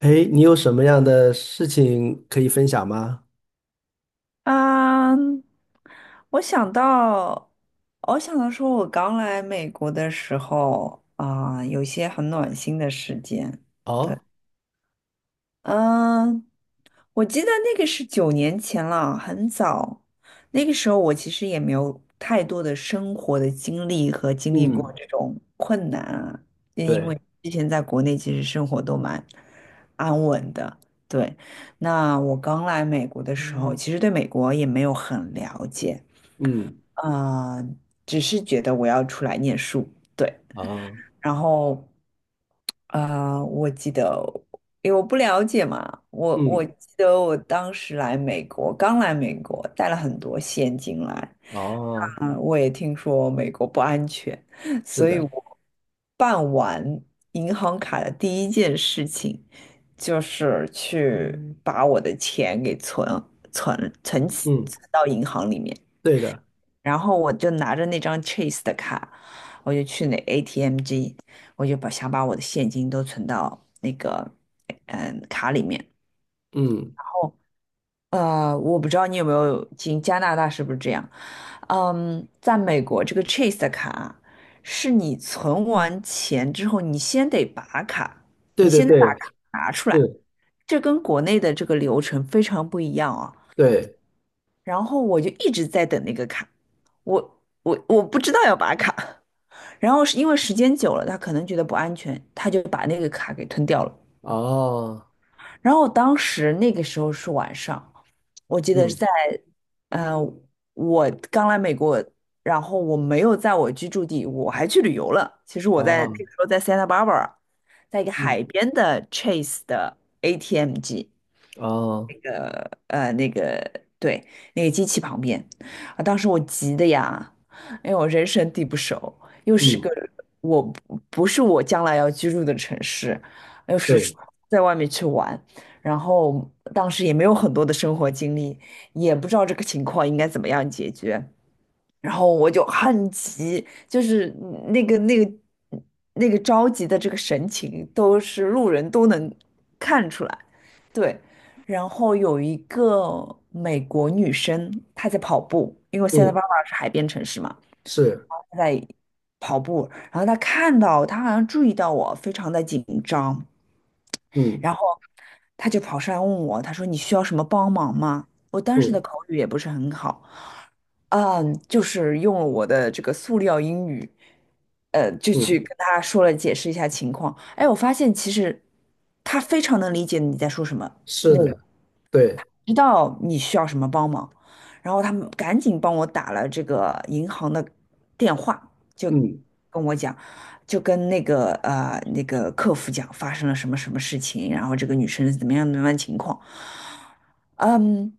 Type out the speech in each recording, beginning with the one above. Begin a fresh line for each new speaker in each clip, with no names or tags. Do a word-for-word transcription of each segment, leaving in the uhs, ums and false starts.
哎，你有什么样的事情可以分享吗？
啊，我想到，我想到说，我刚来美国的时候啊，有一些很暖心的事件。
哦，
嗯，我记得那个是九年前了，很早。那个时候我其实也没有太多的生活的经历和经历过
嗯，
这种困难啊，就因
对，
为之前在国内其实生活都蛮安稳的。对，那我刚来美国的时候，其实对美国也没有很了解，
嗯
啊，只是觉得我要出来念书。对。
哦，
然后，啊，我记得，因为我不了解嘛，我我
嗯，
记得我当时来美国，刚来美国，带了很多现金来。
哦，
嗯，我也听说美国不安全，
是
所以
的，
我办完银行卡的第一件事情就是去把我的钱给存存存起
嗯，
存到银行里面。
对的，
然后我就拿着那张 Chase 的卡，我就去那 A T M 机，我就把想把我的现金都存到那个嗯卡里面。然
嗯，
后呃，我不知道你有没有进加拿大是不是这样？嗯，在美国这个 Chase 的卡是你存完钱之后，你先得拔卡，
对
你
对
先得把
对，
卡拿出来，
是，
这跟国内的这个流程非常不一样啊。
对，
然后我就一直在等那个卡，我我我不知道要拔卡。然后是因为时间久了，他可能觉得不安全，他就把那个卡给吞掉了。
哦，
然后当时那个时候是晚上，我记得是
嗯
在，呃，我刚来美国，然后我没有在我居住地，我还去旅游了。其实我在那
哦，
个时候在 Santa Barbara,在一个
嗯
海边的 Chase 的 A T M 机。
哦，
那个呃那个对那个机器旁边啊，当时我急的呀，因为我人生地不熟，又是个
嗯，
我不不是我将来要居住的城市，又是
对，
出在外面去玩，然后当时也没有很多的生活经历，也不知道这个情况应该怎么样解决。然后我就很急，就是那个那个那个着急的这个神情，都是路人都能看出来。对，然后有一个美国女生，她在跑步，因为我现在
嗯
爸爸是海边城市嘛，
是，
他在跑步，然后他看到他好像注意到我非常的紧张，
嗯
然后他就跑上来问我，他说你需要什么帮忙吗？我当时的
嗯
口语也不是很好，嗯，就是用了我的这个塑料英语，呃，就去
嗯，
跟他说了解释一下情况。哎，我发现其实他非常能理解你在说什么。
是的，对，
知道你需要什么帮忙，然后他们赶紧帮我打了这个银行的电话，就
嗯
跟我讲，就跟那个呃那个客服讲发生了什么什么事情，然后这个女生是怎么样怎么样情况，嗯。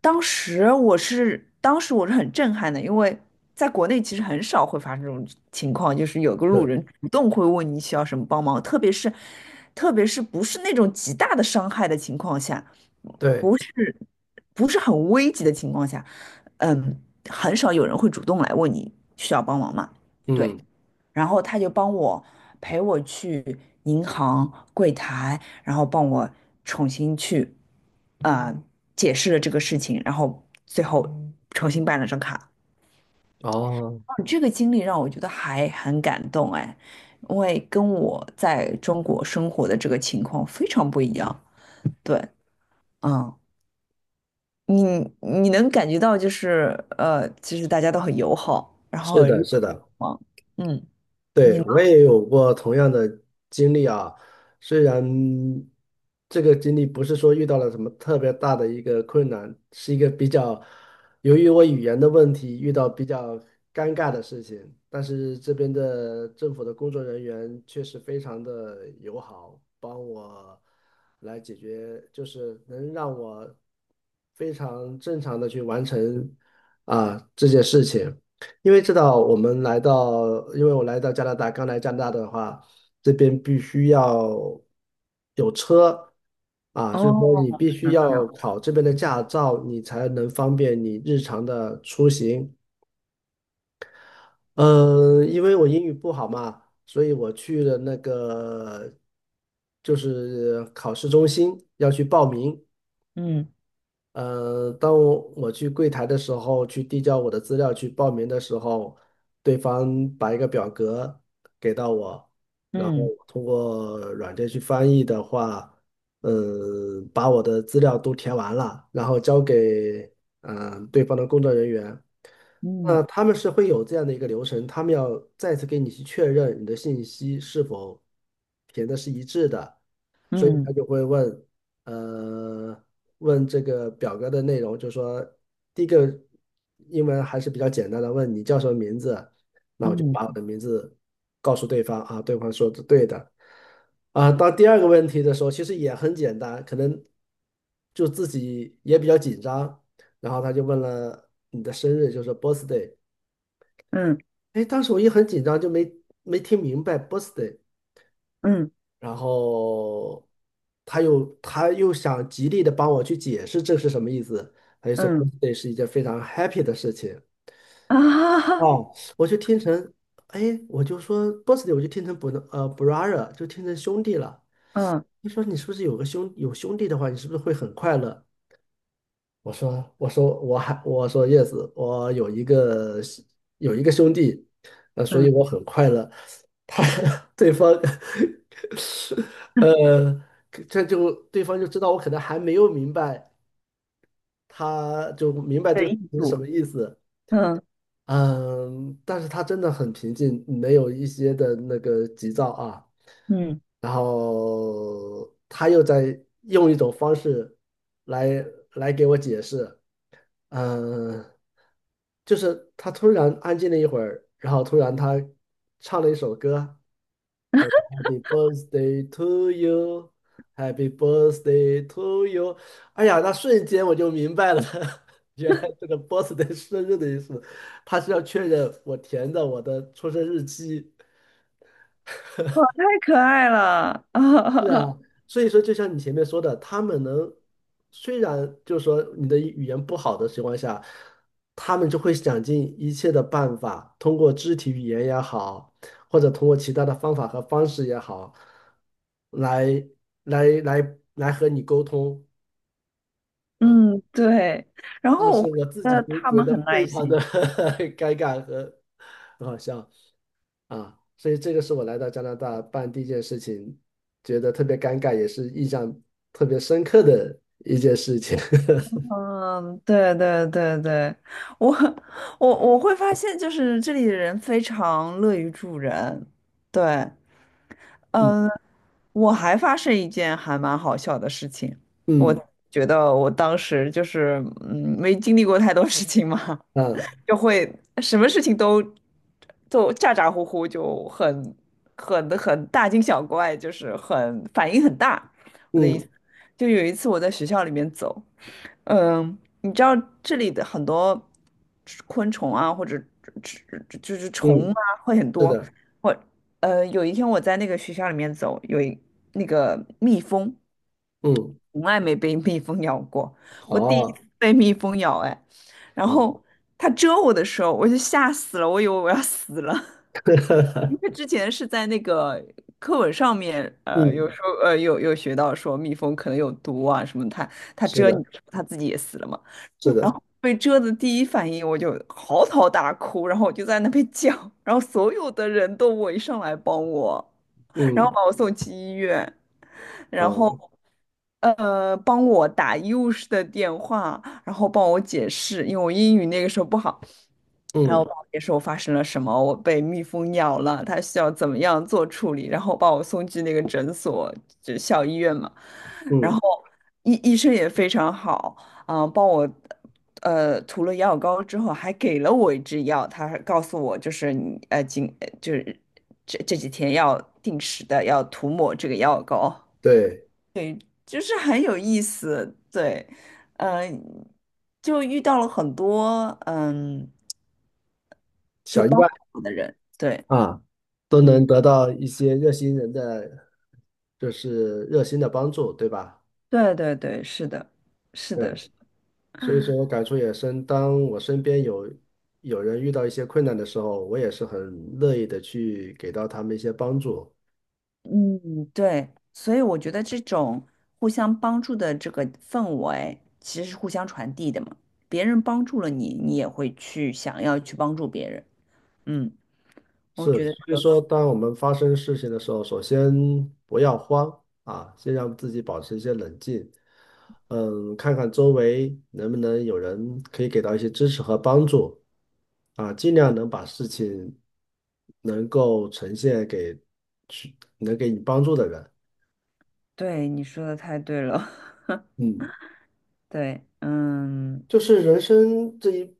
当时我是，当时我是很震撼的，因为在国内其实很少会发生这种情况，就是有个路
是，
人主动会问你需要什么帮忙，特别是，特别是不是那种极大的伤害的情况下，
对，
不是不是很危急的情况下，嗯，很少有人会主动来问你需要帮忙嘛。对。
嗯，
然后他就帮我陪我去银行柜台，然后帮我重新去啊呃解释了这个事情，然后最后重新办了张卡。
哦，
哦这个经历让我觉得还很感动哎，因为跟我在中国生活的这个情况非常不一样。对，嗯，你你能感觉到就是呃，就是大家都很友好，然后
是
很热
的，是的。
情嘛。嗯，你
对，
呢？
我也有过同样的经历啊，虽然这个经历不是说遇到了什么特别大的一个困难，是一个比较，由于我语言的问题遇到比较尴尬的事情，但是这边的政府的工作人员确实非常的友好，帮我来解决，就是能让我非常正常的去完成啊这件事情。因为知道我们来到，因为我来到加拿大，刚来加拿大的话，这边必须要有车啊，所以说
哦，
你必须要考这边的驾照，你才能方便你日常的出行。嗯，因为我英语不好嘛，所以我去了那个就是考试中心要去报名，
嗯
呃，当我我去柜台的时候，去递交我的资料去报名的时候，对方把一个表格给到我，然后
嗯
我通过软件去翻译的话，嗯，把我的资料都填完了，然后交给嗯呃对方的工作人员。
嗯。
那他们是会有这样的一个流程，他们要再次给你去确认你的信息是否填的是一致的。所以
嗯
他就会问，呃，问这个表格的内容，就说第一个英文还是比较简单的，问你叫什么名字，那我就把我
嗯
的名字告诉对方啊，对方说是对的，啊，到第二个问题的时候，其实也很简单，可能就自己也比较紧张，然后他就问了你的生日，就是 birthday,
嗯
哎，当时我也很紧张，就没没听明白 birthday。
嗯
然后他又他又想极力的帮我去解释这是什么意思，他就说
嗯
birthday 是一件非常 happy 的事情。
啊，
哦，我就听成，哎，我就说 birthday 我就听成 b r 呃 brother 就听成兄弟了。
嗯
你说你是不是有个兄有兄弟的话，你是不是会很快乐？我说我说我还我说叶子，我有一个有一个兄弟，呃，所以我
嗯
很快乐。他 对方 呃，这就对方就知道我可能还没有明白，他就明白
的
这个
艺
是什
术，
么意思。
嗯，
嗯，但是他真的很平静，没有一些的那个急躁啊。
嗯。
然后他又在用一种方式来来给我解释。嗯、呃就是他突然安静了一会儿，然后突然他唱了一首歌，叫做《Happy Birthday to You》,Happy Birthday to You。哎呀，那瞬间我就明白了，原来这个 birthday 生日的意思，他是要确认我填的我的出生日期。
哇，太可爱了啊，
是啊，所以说，就像你前面说的，他们能，虽然就是说你的语言不好的情况下，他们就会想尽一切的办法，通过肢体语言也好，或者通过其他的方法和方式也好，来来来来和你沟通啊。
嗯，对，然
当
后我
时
会
我自
觉
己
得
都
他
觉
们
得
很
非
耐
常的
心，
尴尬和 很好笑。啊，所以这个是我来到加拿大办第一件事情，觉得特别尴尬，也是印象特别深刻的一件事情。
嗯，对对对对，我我我会发现就是这里的人非常乐于助人，对，嗯、
嗯
我还发生一件还蛮好笑的事情，我
嗯
觉得我当时就是嗯，没经历过太多事情嘛，
啊
就会什么事情都都咋咋呼呼，就很很很大惊小怪，就是很反应很大。我的意思，
嗯
就有一次我在学校里面走，嗯，你知道这里的很多昆虫啊，或者就是虫
嗯，
啊，会很
是
多。
的，
我呃，有一天我在那个学校里面走，有一那个蜜蜂，
嗯
从来没被蜜蜂咬过，我
好
第一
啊，
次被蜜蜂咬，哎，然后它蛰我的时候，我就吓死了，我以为我要死了，因为 之前是在那个课文上面，呃，有
嗯
时候呃有有学到说蜜蜂可能有毒啊什么它它
是
蛰你
的，
的时候，它自己也死了嘛。
是
然
的，
后被蛰的第一反应我就嚎啕大哭，然后我就在那边叫，然后所有的人都围上来帮我，然后
嗯
把我送去医院，然后
啊
呃帮我打医务室的电话，然后帮我解释，因为我英语那个时候不好，然
嗯
后帮我解释我发生了什么，我被蜜蜂咬了，他需要怎么样做处理，然后把我送去那个诊所，就校医院嘛。然
嗯，
后医医生也非常好，啊、帮我呃涂了药膏之后，还给了我一支药，他还告诉我就是你呃今呃就是这这几天要定时的要涂抹这个药膏，
对，
就是很有意思，对，嗯、就遇到了很多嗯
小意外
好的人，对，
啊，都
嗯，
能得到一些热心人的，就是热心的帮助，对吧？
对对对，是的，是的。
对。
是的。
所以说我感触也深，当我身边有有人遇到一些困难的时候，我也是很乐意的去给到他们一些帮助。
嗯，对，所以我觉得这种互相帮助的这个氛围，其实是互相传递的嘛。别人帮助了你，你也会去想要去帮助别人。嗯，我
是，
觉得这
所以
个，
说，当我们发生事情的时候，首先不要慌啊，先让自己保持一些冷静，嗯，看看周围能不能有人可以给到一些支持和帮助啊，尽量能把事情能够呈现给去能给你帮助的人。
对，你说的太对了。
嗯。
对，嗯
就是人生这一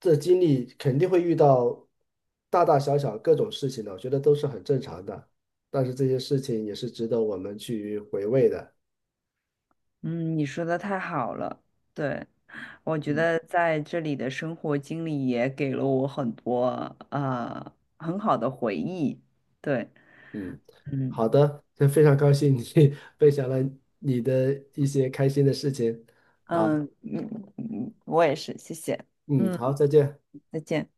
这经历，肯定会遇到大大小小各种事情的，我觉得都是很正常的。但是这些事情也是值得我们去回味的。
嗯，你说的太好了。对，我觉得在这里的生活经历也给了我很多呃很好的回忆。对，
嗯，
嗯
好的，那非常高兴你 分享了你的一些开心的事情。好，
嗯嗯，嗯我也是，谢谢。
嗯，好，
嗯。
再见。
再见。